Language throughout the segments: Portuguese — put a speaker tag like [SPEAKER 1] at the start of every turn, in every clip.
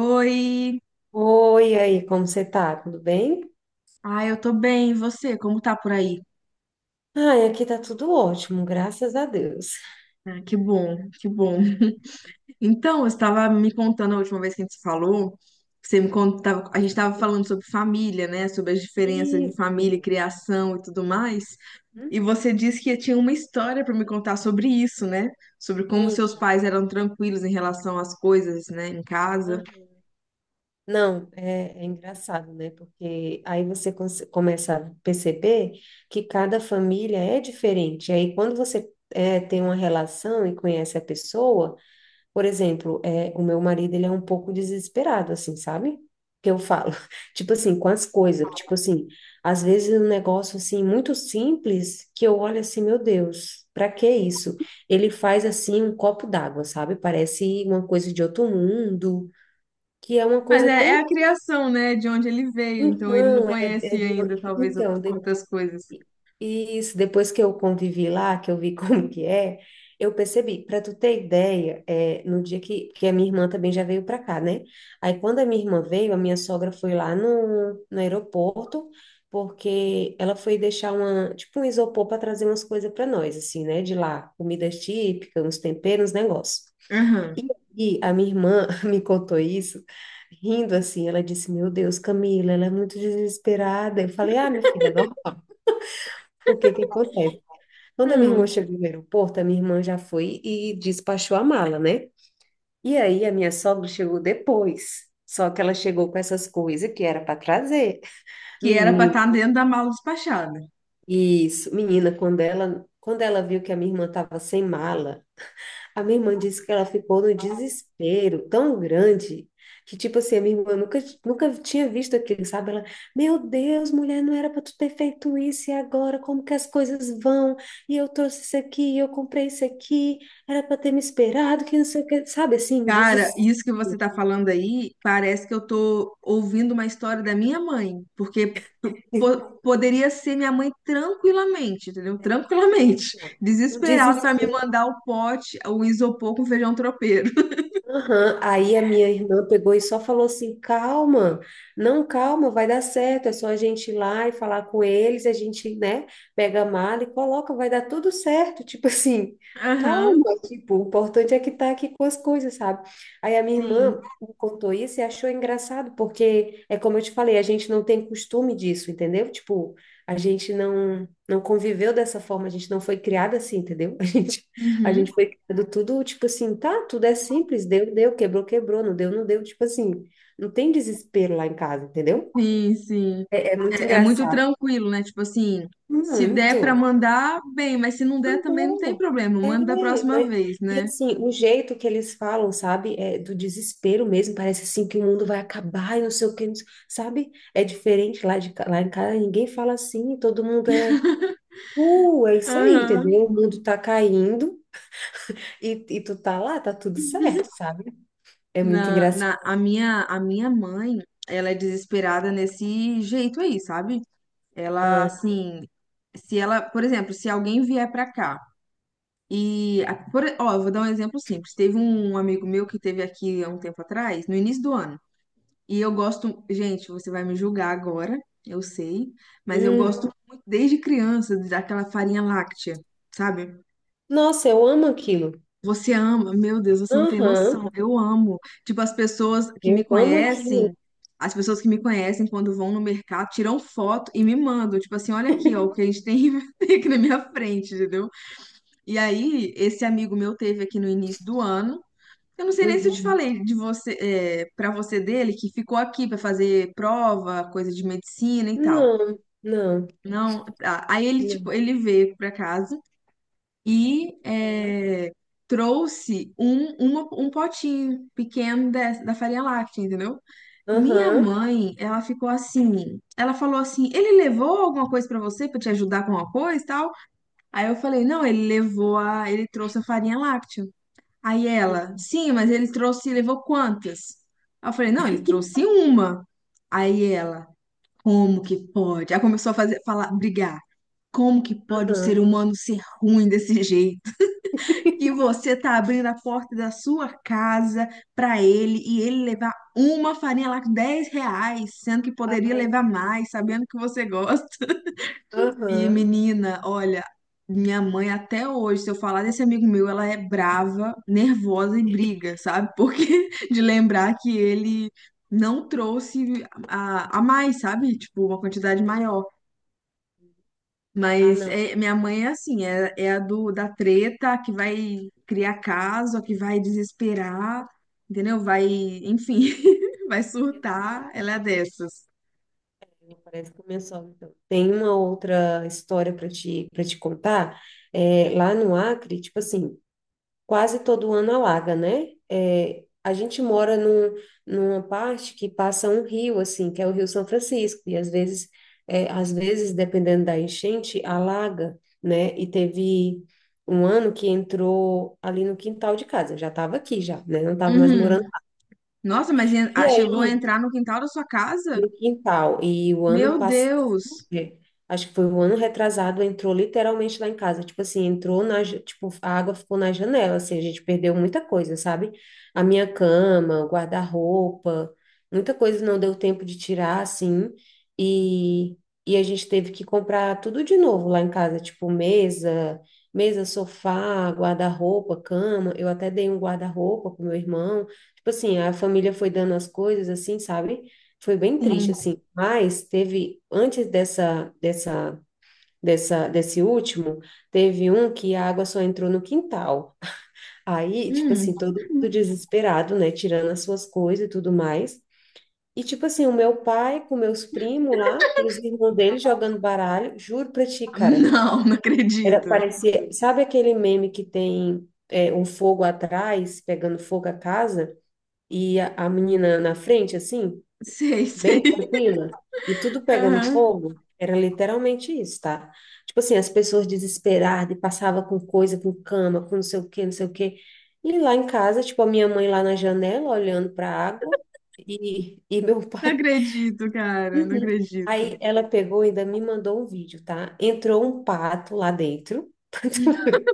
[SPEAKER 1] Oi!
[SPEAKER 2] Oi, e aí, como você tá? Tudo bem?
[SPEAKER 1] Ah, eu tô bem, e você? Como tá por aí?
[SPEAKER 2] Ai, aqui tá tudo ótimo, graças a Deus.
[SPEAKER 1] Ah, que bom, que bom. Então, eu estava me contando a última vez que a gente se falou, você me contava, a gente estava falando sobre família, né? Sobre as diferenças de família,
[SPEAKER 2] Isso.
[SPEAKER 1] criação e tudo mais.
[SPEAKER 2] Hum,
[SPEAKER 1] E você disse que tinha uma história para me contar sobre isso, né? Sobre como seus
[SPEAKER 2] menina.
[SPEAKER 1] pais eram tranquilos em relação às coisas, né, em casa.
[SPEAKER 2] Ah, não, é, é engraçado, né? Porque aí você começa a perceber que cada família é diferente. Aí quando você é, tem uma relação e conhece a pessoa, por exemplo, é, o meu marido, ele é um pouco desesperado, assim, sabe? Que eu falo, tipo assim, com as coisas, tipo assim, às vezes um negócio, assim, muito simples, que eu olho assim, meu Deus, pra que isso? Ele faz, assim, um copo d'água, sabe? Parece uma coisa de outro mundo, que é uma
[SPEAKER 1] Mas
[SPEAKER 2] coisa
[SPEAKER 1] é,
[SPEAKER 2] tão...
[SPEAKER 1] é a criação, né, de onde ele veio, então ele não
[SPEAKER 2] Então, é, é
[SPEAKER 1] conhece
[SPEAKER 2] de-
[SPEAKER 1] ainda, talvez,
[SPEAKER 2] então,
[SPEAKER 1] outras coisas.
[SPEAKER 2] e isso, depois que eu convivi lá, que eu vi como que é, eu percebi. Para tu ter ideia, é, no dia que a minha irmã também já veio para cá, né? Aí quando a minha irmã veio, a minha sogra foi lá no aeroporto, porque ela foi deixar uma, tipo um isopor para trazer umas coisas para nós, assim, né? De lá, comidas típicas, uns temperos, uns negócios. E, e a minha irmã me contou isso, rindo assim, ela disse, meu Deus, Camila, ela é muito desesperada. Eu falei, ah, minha filha, é normal. O que que acontece? Quando a minha irmã
[SPEAKER 1] Hum.
[SPEAKER 2] chegou no aeroporto, a minha irmã já foi e despachou a mala, né? E aí a minha sogra chegou depois. Só que ela chegou com essas coisas que era para trazer.
[SPEAKER 1] Que era pra
[SPEAKER 2] Menina,
[SPEAKER 1] estar dentro da mala despachada.
[SPEAKER 2] isso, menina, quando ela viu que a minha irmã estava sem mala, a minha irmã disse que ela ficou no desespero tão grande que, tipo assim, a minha irmã nunca, nunca tinha visto aquilo, sabe? Ela, meu Deus, mulher, não era para tu ter feito isso e agora como que as coisas vão? E eu trouxe isso aqui, e eu comprei isso aqui, era para ter me esperado, que não sei o que, sabe? Assim, um
[SPEAKER 1] Cara,
[SPEAKER 2] desespero,
[SPEAKER 1] isso que você tá falando aí, parece que eu tô ouvindo uma história da minha mãe, porque poderia ser minha mãe tranquilamente, entendeu? Tranquilamente,
[SPEAKER 2] um
[SPEAKER 1] desesperado pra me
[SPEAKER 2] desespero.
[SPEAKER 1] mandar o pote, o isopor com feijão tropeiro.
[SPEAKER 2] Aham. Aí a minha irmã pegou e só falou assim: calma, não, calma, vai dar certo, é só a gente ir lá e falar com eles, a gente, né, pega a mala e coloca, vai dar tudo certo, tipo assim,
[SPEAKER 1] Aham,
[SPEAKER 2] calma, tipo, o importante é que tá aqui com as coisas, sabe? Aí a minha
[SPEAKER 1] sim.
[SPEAKER 2] irmã me contou isso e achou engraçado, porque é como eu te falei, a gente não tem costume disso, entendeu? Tipo, a gente não conviveu dessa forma, a gente não foi criada assim, entendeu? A gente a
[SPEAKER 1] Uhum.
[SPEAKER 2] gente foi criando tudo, tipo assim, tá, tudo é simples, deu, deu, quebrou, quebrou, não deu, não deu, tipo assim, não tem desespero lá em casa, entendeu?
[SPEAKER 1] Sim, sim.
[SPEAKER 2] É, é muito
[SPEAKER 1] É muito
[SPEAKER 2] engraçado.
[SPEAKER 1] tranquilo, né? Tipo assim, se
[SPEAKER 2] Muito.
[SPEAKER 1] der pra mandar, bem, mas se não der também não tem
[SPEAKER 2] Mandou.
[SPEAKER 1] problema,
[SPEAKER 2] É,
[SPEAKER 1] manda da próxima
[SPEAKER 2] mas,
[SPEAKER 1] vez,
[SPEAKER 2] e
[SPEAKER 1] né?
[SPEAKER 2] assim, o jeito que eles falam, sabe, é do desespero mesmo, parece assim que o mundo vai acabar e não sei o que, não sei- sabe? É diferente lá, de, lá em casa, ninguém fala assim, todo mundo é, é isso aí,
[SPEAKER 1] Aham.
[SPEAKER 2] entendeu? O mundo tá caindo e tu tá lá, tá tudo certo, sabe? É muito
[SPEAKER 1] Na,
[SPEAKER 2] engraçado.
[SPEAKER 1] na, a minha, a minha mãe, ela é desesperada nesse jeito aí, sabe? Ela,
[SPEAKER 2] Ah,
[SPEAKER 1] assim, se ela, por exemplo, se alguém vier pra cá e, ó, eu vou dar um exemplo simples. Teve um amigo meu que teve aqui há um tempo atrás, no início do ano, e eu gosto, gente, você vai me julgar agora, eu sei, mas eu
[SPEAKER 2] hum.
[SPEAKER 1] gosto muito desde criança daquela farinha láctea, sabe?
[SPEAKER 2] Nossa, eu amo aquilo.
[SPEAKER 1] Você ama, meu Deus, você não tem
[SPEAKER 2] Aham,
[SPEAKER 1] noção. Eu amo. Tipo, as pessoas que me
[SPEAKER 2] eu amo aquilo.
[SPEAKER 1] conhecem, as pessoas que me conhecem quando vão no mercado, tiram foto e me mandam. Tipo assim, olha aqui, ó, o que a gente tem tem aqui na minha frente, entendeu? E aí, esse amigo meu teve aqui no início do ano. Eu não sei nem se eu te
[SPEAKER 2] Uhum.
[SPEAKER 1] falei de você, é, para você dele, que ficou aqui para fazer prova, coisa de medicina e tal.
[SPEAKER 2] Não, não,
[SPEAKER 1] Não, tá. Aí ele, tipo,
[SPEAKER 2] não.
[SPEAKER 1] ele veio pra casa e trouxe um potinho pequeno da farinha láctea, entendeu? Minha
[SPEAKER 2] Aham,
[SPEAKER 1] mãe, ela ficou assim, ela falou assim, ele levou alguma coisa pra você pra te ajudar com alguma coisa e tal? Aí eu falei, não, ele trouxe a farinha láctea. Aí ela, sim, mas ele trouxe, levou quantas? Aí eu falei, não, ele trouxe uma. Aí ela, como que pode? Aí começou a fazer, falar, brigar. Como que pode um
[SPEAKER 2] aham,
[SPEAKER 1] ser humano ser ruim desse jeito? E você tá abrindo a porta da sua casa para ele e ele levar uma farinha lá com R$ 10, sendo que poderia levar mais, sabendo que você gosta. E
[SPEAKER 2] aham.
[SPEAKER 1] menina, olha, minha mãe até hoje, se eu falar desse amigo meu, ela é brava, nervosa e briga, sabe? Porque de lembrar que ele não trouxe a mais, sabe? Tipo, uma quantidade maior.
[SPEAKER 2] Ah,
[SPEAKER 1] Mas
[SPEAKER 2] não.
[SPEAKER 1] minha mãe é assim, é da treta, a que vai criar caso, a que vai desesperar, entendeu? Vai, enfim, vai
[SPEAKER 2] E assim,
[SPEAKER 1] surtar, ela é dessas.
[SPEAKER 2] parece que começou, então. Tem uma outra história para te contar. É, lá no Acre, tipo assim, quase todo ano alaga, né? É, a gente mora num, numa parte que passa um rio, assim, que é o Rio São Francisco, e às vezes, é, às vezes, dependendo da enchente, alaga, né? E teve um ano que entrou ali no quintal de casa, eu já estava aqui já, né? Não estava mais morando.
[SPEAKER 1] Uhum. Nossa, mas
[SPEAKER 2] E
[SPEAKER 1] ah, chegou a
[SPEAKER 2] aí
[SPEAKER 1] entrar no quintal da sua casa?
[SPEAKER 2] no quintal. E o ano
[SPEAKER 1] Meu
[SPEAKER 2] passado,
[SPEAKER 1] Deus!
[SPEAKER 2] é, acho que foi o ano retrasado, entrou literalmente lá em casa. Tipo assim, entrou na, tipo, a água ficou na janela, assim, a gente perdeu muita coisa, sabe? A minha cama, o guarda-roupa, muita coisa não deu tempo de tirar, assim, e, e a gente teve que comprar tudo de novo lá em casa, tipo mesa, mesa, sofá, guarda-roupa, cama. Eu até dei um guarda-roupa pro meu irmão. Tipo assim, a família foi dando as coisas, assim, sabe? Foi bem triste,
[SPEAKER 1] Sim.
[SPEAKER 2] assim. Mas teve, antes dessa, dessa, dessa, desse último, teve um que a água só entrou no quintal. Aí, tipo
[SPEAKER 1] Hum.
[SPEAKER 2] assim, todo mundo desesperado, né? Tirando as suas coisas e tudo mais. E, tipo assim, o meu pai com meus primos lá e os irmãos dele jogando baralho. Juro pra ti, cara.
[SPEAKER 1] Não, não
[SPEAKER 2] Era,
[SPEAKER 1] acredito.
[SPEAKER 2] parecia, sabe aquele meme que tem é, um fogo atrás, pegando fogo a casa, e a menina na frente, assim?
[SPEAKER 1] Sei, sei.
[SPEAKER 2] Bem tranquila e tudo pegando
[SPEAKER 1] Aham.
[SPEAKER 2] fogo, era literalmente isso, tá? Tipo assim, as pessoas desesperadas e passava com coisa, com cama, com não sei o quê, não sei o quê. E lá em casa, tipo, a minha mãe lá na janela olhando para a água e meu
[SPEAKER 1] Não
[SPEAKER 2] pai.
[SPEAKER 1] acredito, cara, não
[SPEAKER 2] Uhum.
[SPEAKER 1] acredito.
[SPEAKER 2] Aí ela pegou e ainda me mandou um vídeo, tá? Entrou um pato lá dentro.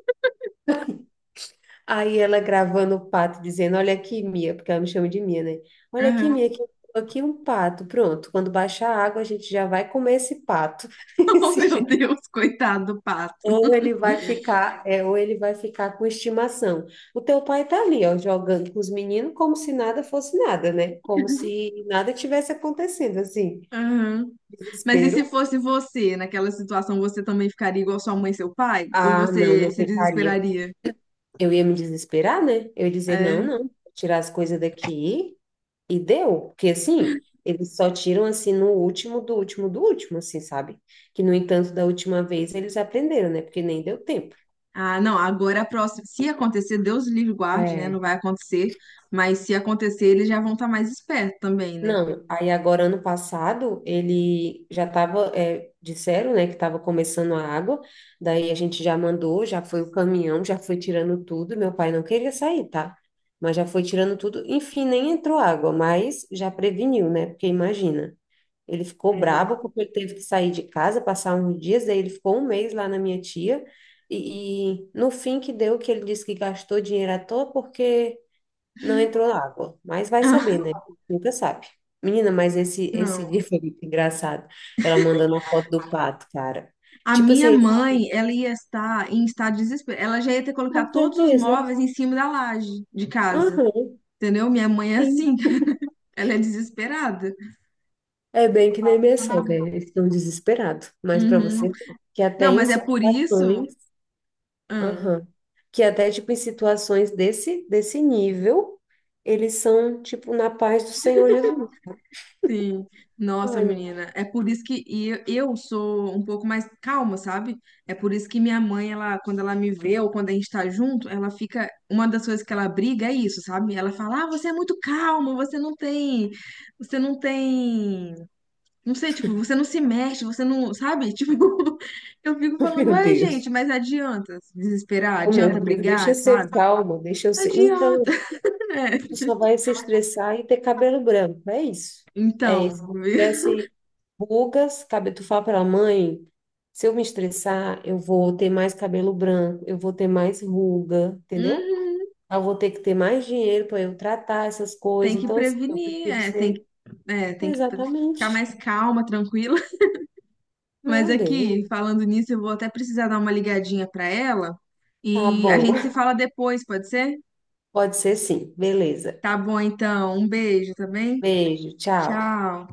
[SPEAKER 2] Aí ela gravando o pato, dizendo: olha aqui, Mia, porque ela me chama de Mia, né? Olha aqui,
[SPEAKER 1] Aham.
[SPEAKER 2] Mia, que eu tô aqui um pato. Pronto, quando baixar a água, a gente já vai comer esse pato.
[SPEAKER 1] Oh,
[SPEAKER 2] Esse
[SPEAKER 1] meu
[SPEAKER 2] jeito.
[SPEAKER 1] Deus, coitado do pato.
[SPEAKER 2] Ou ele vai ficar, é, ou ele vai ficar com estimação. O teu pai tá ali, ó, jogando com os meninos como se nada fosse nada, né? Como se nada tivesse acontecendo, assim.
[SPEAKER 1] Aham. Mas e se
[SPEAKER 2] Desespero.
[SPEAKER 1] fosse você, naquela situação, você também ficaria igual sua mãe e seu pai? Ou
[SPEAKER 2] Ah, não,
[SPEAKER 1] você
[SPEAKER 2] não
[SPEAKER 1] se
[SPEAKER 2] ficaria.
[SPEAKER 1] desesperaria?
[SPEAKER 2] Eu ia me desesperar, né? Eu ia dizer: não,
[SPEAKER 1] É.
[SPEAKER 2] não, tirar as coisas daqui. E deu, porque assim, eles só tiram assim no último do último do último, assim, sabe? Que no entanto, da última vez eles aprenderam, né? Porque nem deu tempo.
[SPEAKER 1] Ah, não, agora é a próxima. Se acontecer, Deus livre e guarde, né?
[SPEAKER 2] É.
[SPEAKER 1] Não vai acontecer. Mas se acontecer, eles já vão estar mais espertos também, né?
[SPEAKER 2] Não, aí agora ano passado ele já estava, disseram, né, que estava começando a água, daí a gente já mandou, já foi o caminhão, já foi tirando tudo, meu pai não queria sair, tá? Mas já foi tirando tudo, enfim, nem entrou água, mas já preveniu, né? Porque imagina. Ele ficou bravo
[SPEAKER 1] É.
[SPEAKER 2] porque ele teve que sair de casa, passar uns dias, daí ele ficou um mês lá na minha tia, e no fim que deu que ele disse que gastou dinheiro à toa porque não entrou água. Mas vai saber, né? Nunca sabe. Menina, mas esse
[SPEAKER 1] Não.
[SPEAKER 2] dia foi muito engraçado. Ela mandando a foto do pato, cara.
[SPEAKER 1] A
[SPEAKER 2] Tipo assim,
[SPEAKER 1] minha
[SPEAKER 2] ele,
[SPEAKER 1] mãe, ela ia estar em estado de desespero. Ela já ia ter colocado
[SPEAKER 2] com
[SPEAKER 1] todos os
[SPEAKER 2] certeza.
[SPEAKER 1] móveis em cima da laje de casa.
[SPEAKER 2] Aham,
[SPEAKER 1] Entendeu? Minha mãe é assim,
[SPEAKER 2] sim.
[SPEAKER 1] ela é desesperada.
[SPEAKER 2] É bem que nem minha sogra, eles estão desesperados. Mas para você,
[SPEAKER 1] Uhum.
[SPEAKER 2] ver que até
[SPEAKER 1] Não,
[SPEAKER 2] em
[SPEAKER 1] mas é por isso.
[SPEAKER 2] situações
[SPEAKER 1] Ah,
[SPEAKER 2] aham. Que até, tipo, em situações desse, desse nível, eles são, tipo, na paz do Senhor Jesus.
[SPEAKER 1] sim. Nossa,
[SPEAKER 2] Ai,
[SPEAKER 1] menina. É por isso que eu sou um pouco mais calma, sabe? É por isso que minha mãe, ela, quando ela me vê ou quando a gente tá junto, ela fica. Uma das coisas que ela briga é isso, sabe? Ela fala: Ah, você é muito calma, você não tem. Você não tem. Não sei, tipo, você não se mexe, você não. Sabe? Tipo, eu fico falando:
[SPEAKER 2] meu
[SPEAKER 1] Ué,
[SPEAKER 2] Deus.
[SPEAKER 1] gente, mas adianta se desesperar?
[SPEAKER 2] Oh, meu
[SPEAKER 1] Adianta
[SPEAKER 2] Deus, deixa
[SPEAKER 1] brigar,
[SPEAKER 2] eu
[SPEAKER 1] sabe?
[SPEAKER 2] ser calma, deixa eu ser.
[SPEAKER 1] Adianta,
[SPEAKER 2] Então,
[SPEAKER 1] né?
[SPEAKER 2] tu só vai se estressar e ter cabelo branco, é isso. É
[SPEAKER 1] Então.
[SPEAKER 2] isso. Cresce rugas, cabelo. Tu fala pra mãe, se eu me estressar, eu vou ter mais cabelo branco, eu vou ter mais ruga, entendeu?
[SPEAKER 1] Uhum,
[SPEAKER 2] Eu vou ter que ter mais dinheiro para eu tratar essas
[SPEAKER 1] tem
[SPEAKER 2] coisas.
[SPEAKER 1] que
[SPEAKER 2] Então, assim, eu
[SPEAKER 1] prevenir,
[SPEAKER 2] prefiro
[SPEAKER 1] é, tem que,
[SPEAKER 2] ser.
[SPEAKER 1] é, tem que, ficar
[SPEAKER 2] Exatamente.
[SPEAKER 1] mais calma, tranquila. Mas
[SPEAKER 2] Meu Deus.
[SPEAKER 1] aqui, falando nisso, eu vou até precisar dar uma ligadinha pra ela
[SPEAKER 2] Tá
[SPEAKER 1] e a
[SPEAKER 2] bom.
[SPEAKER 1] gente se fala depois, pode ser?
[SPEAKER 2] Pode ser sim. Beleza.
[SPEAKER 1] Tá bom, então. Um beijo, tá bem?
[SPEAKER 2] Beijo, tchau.
[SPEAKER 1] Tchau.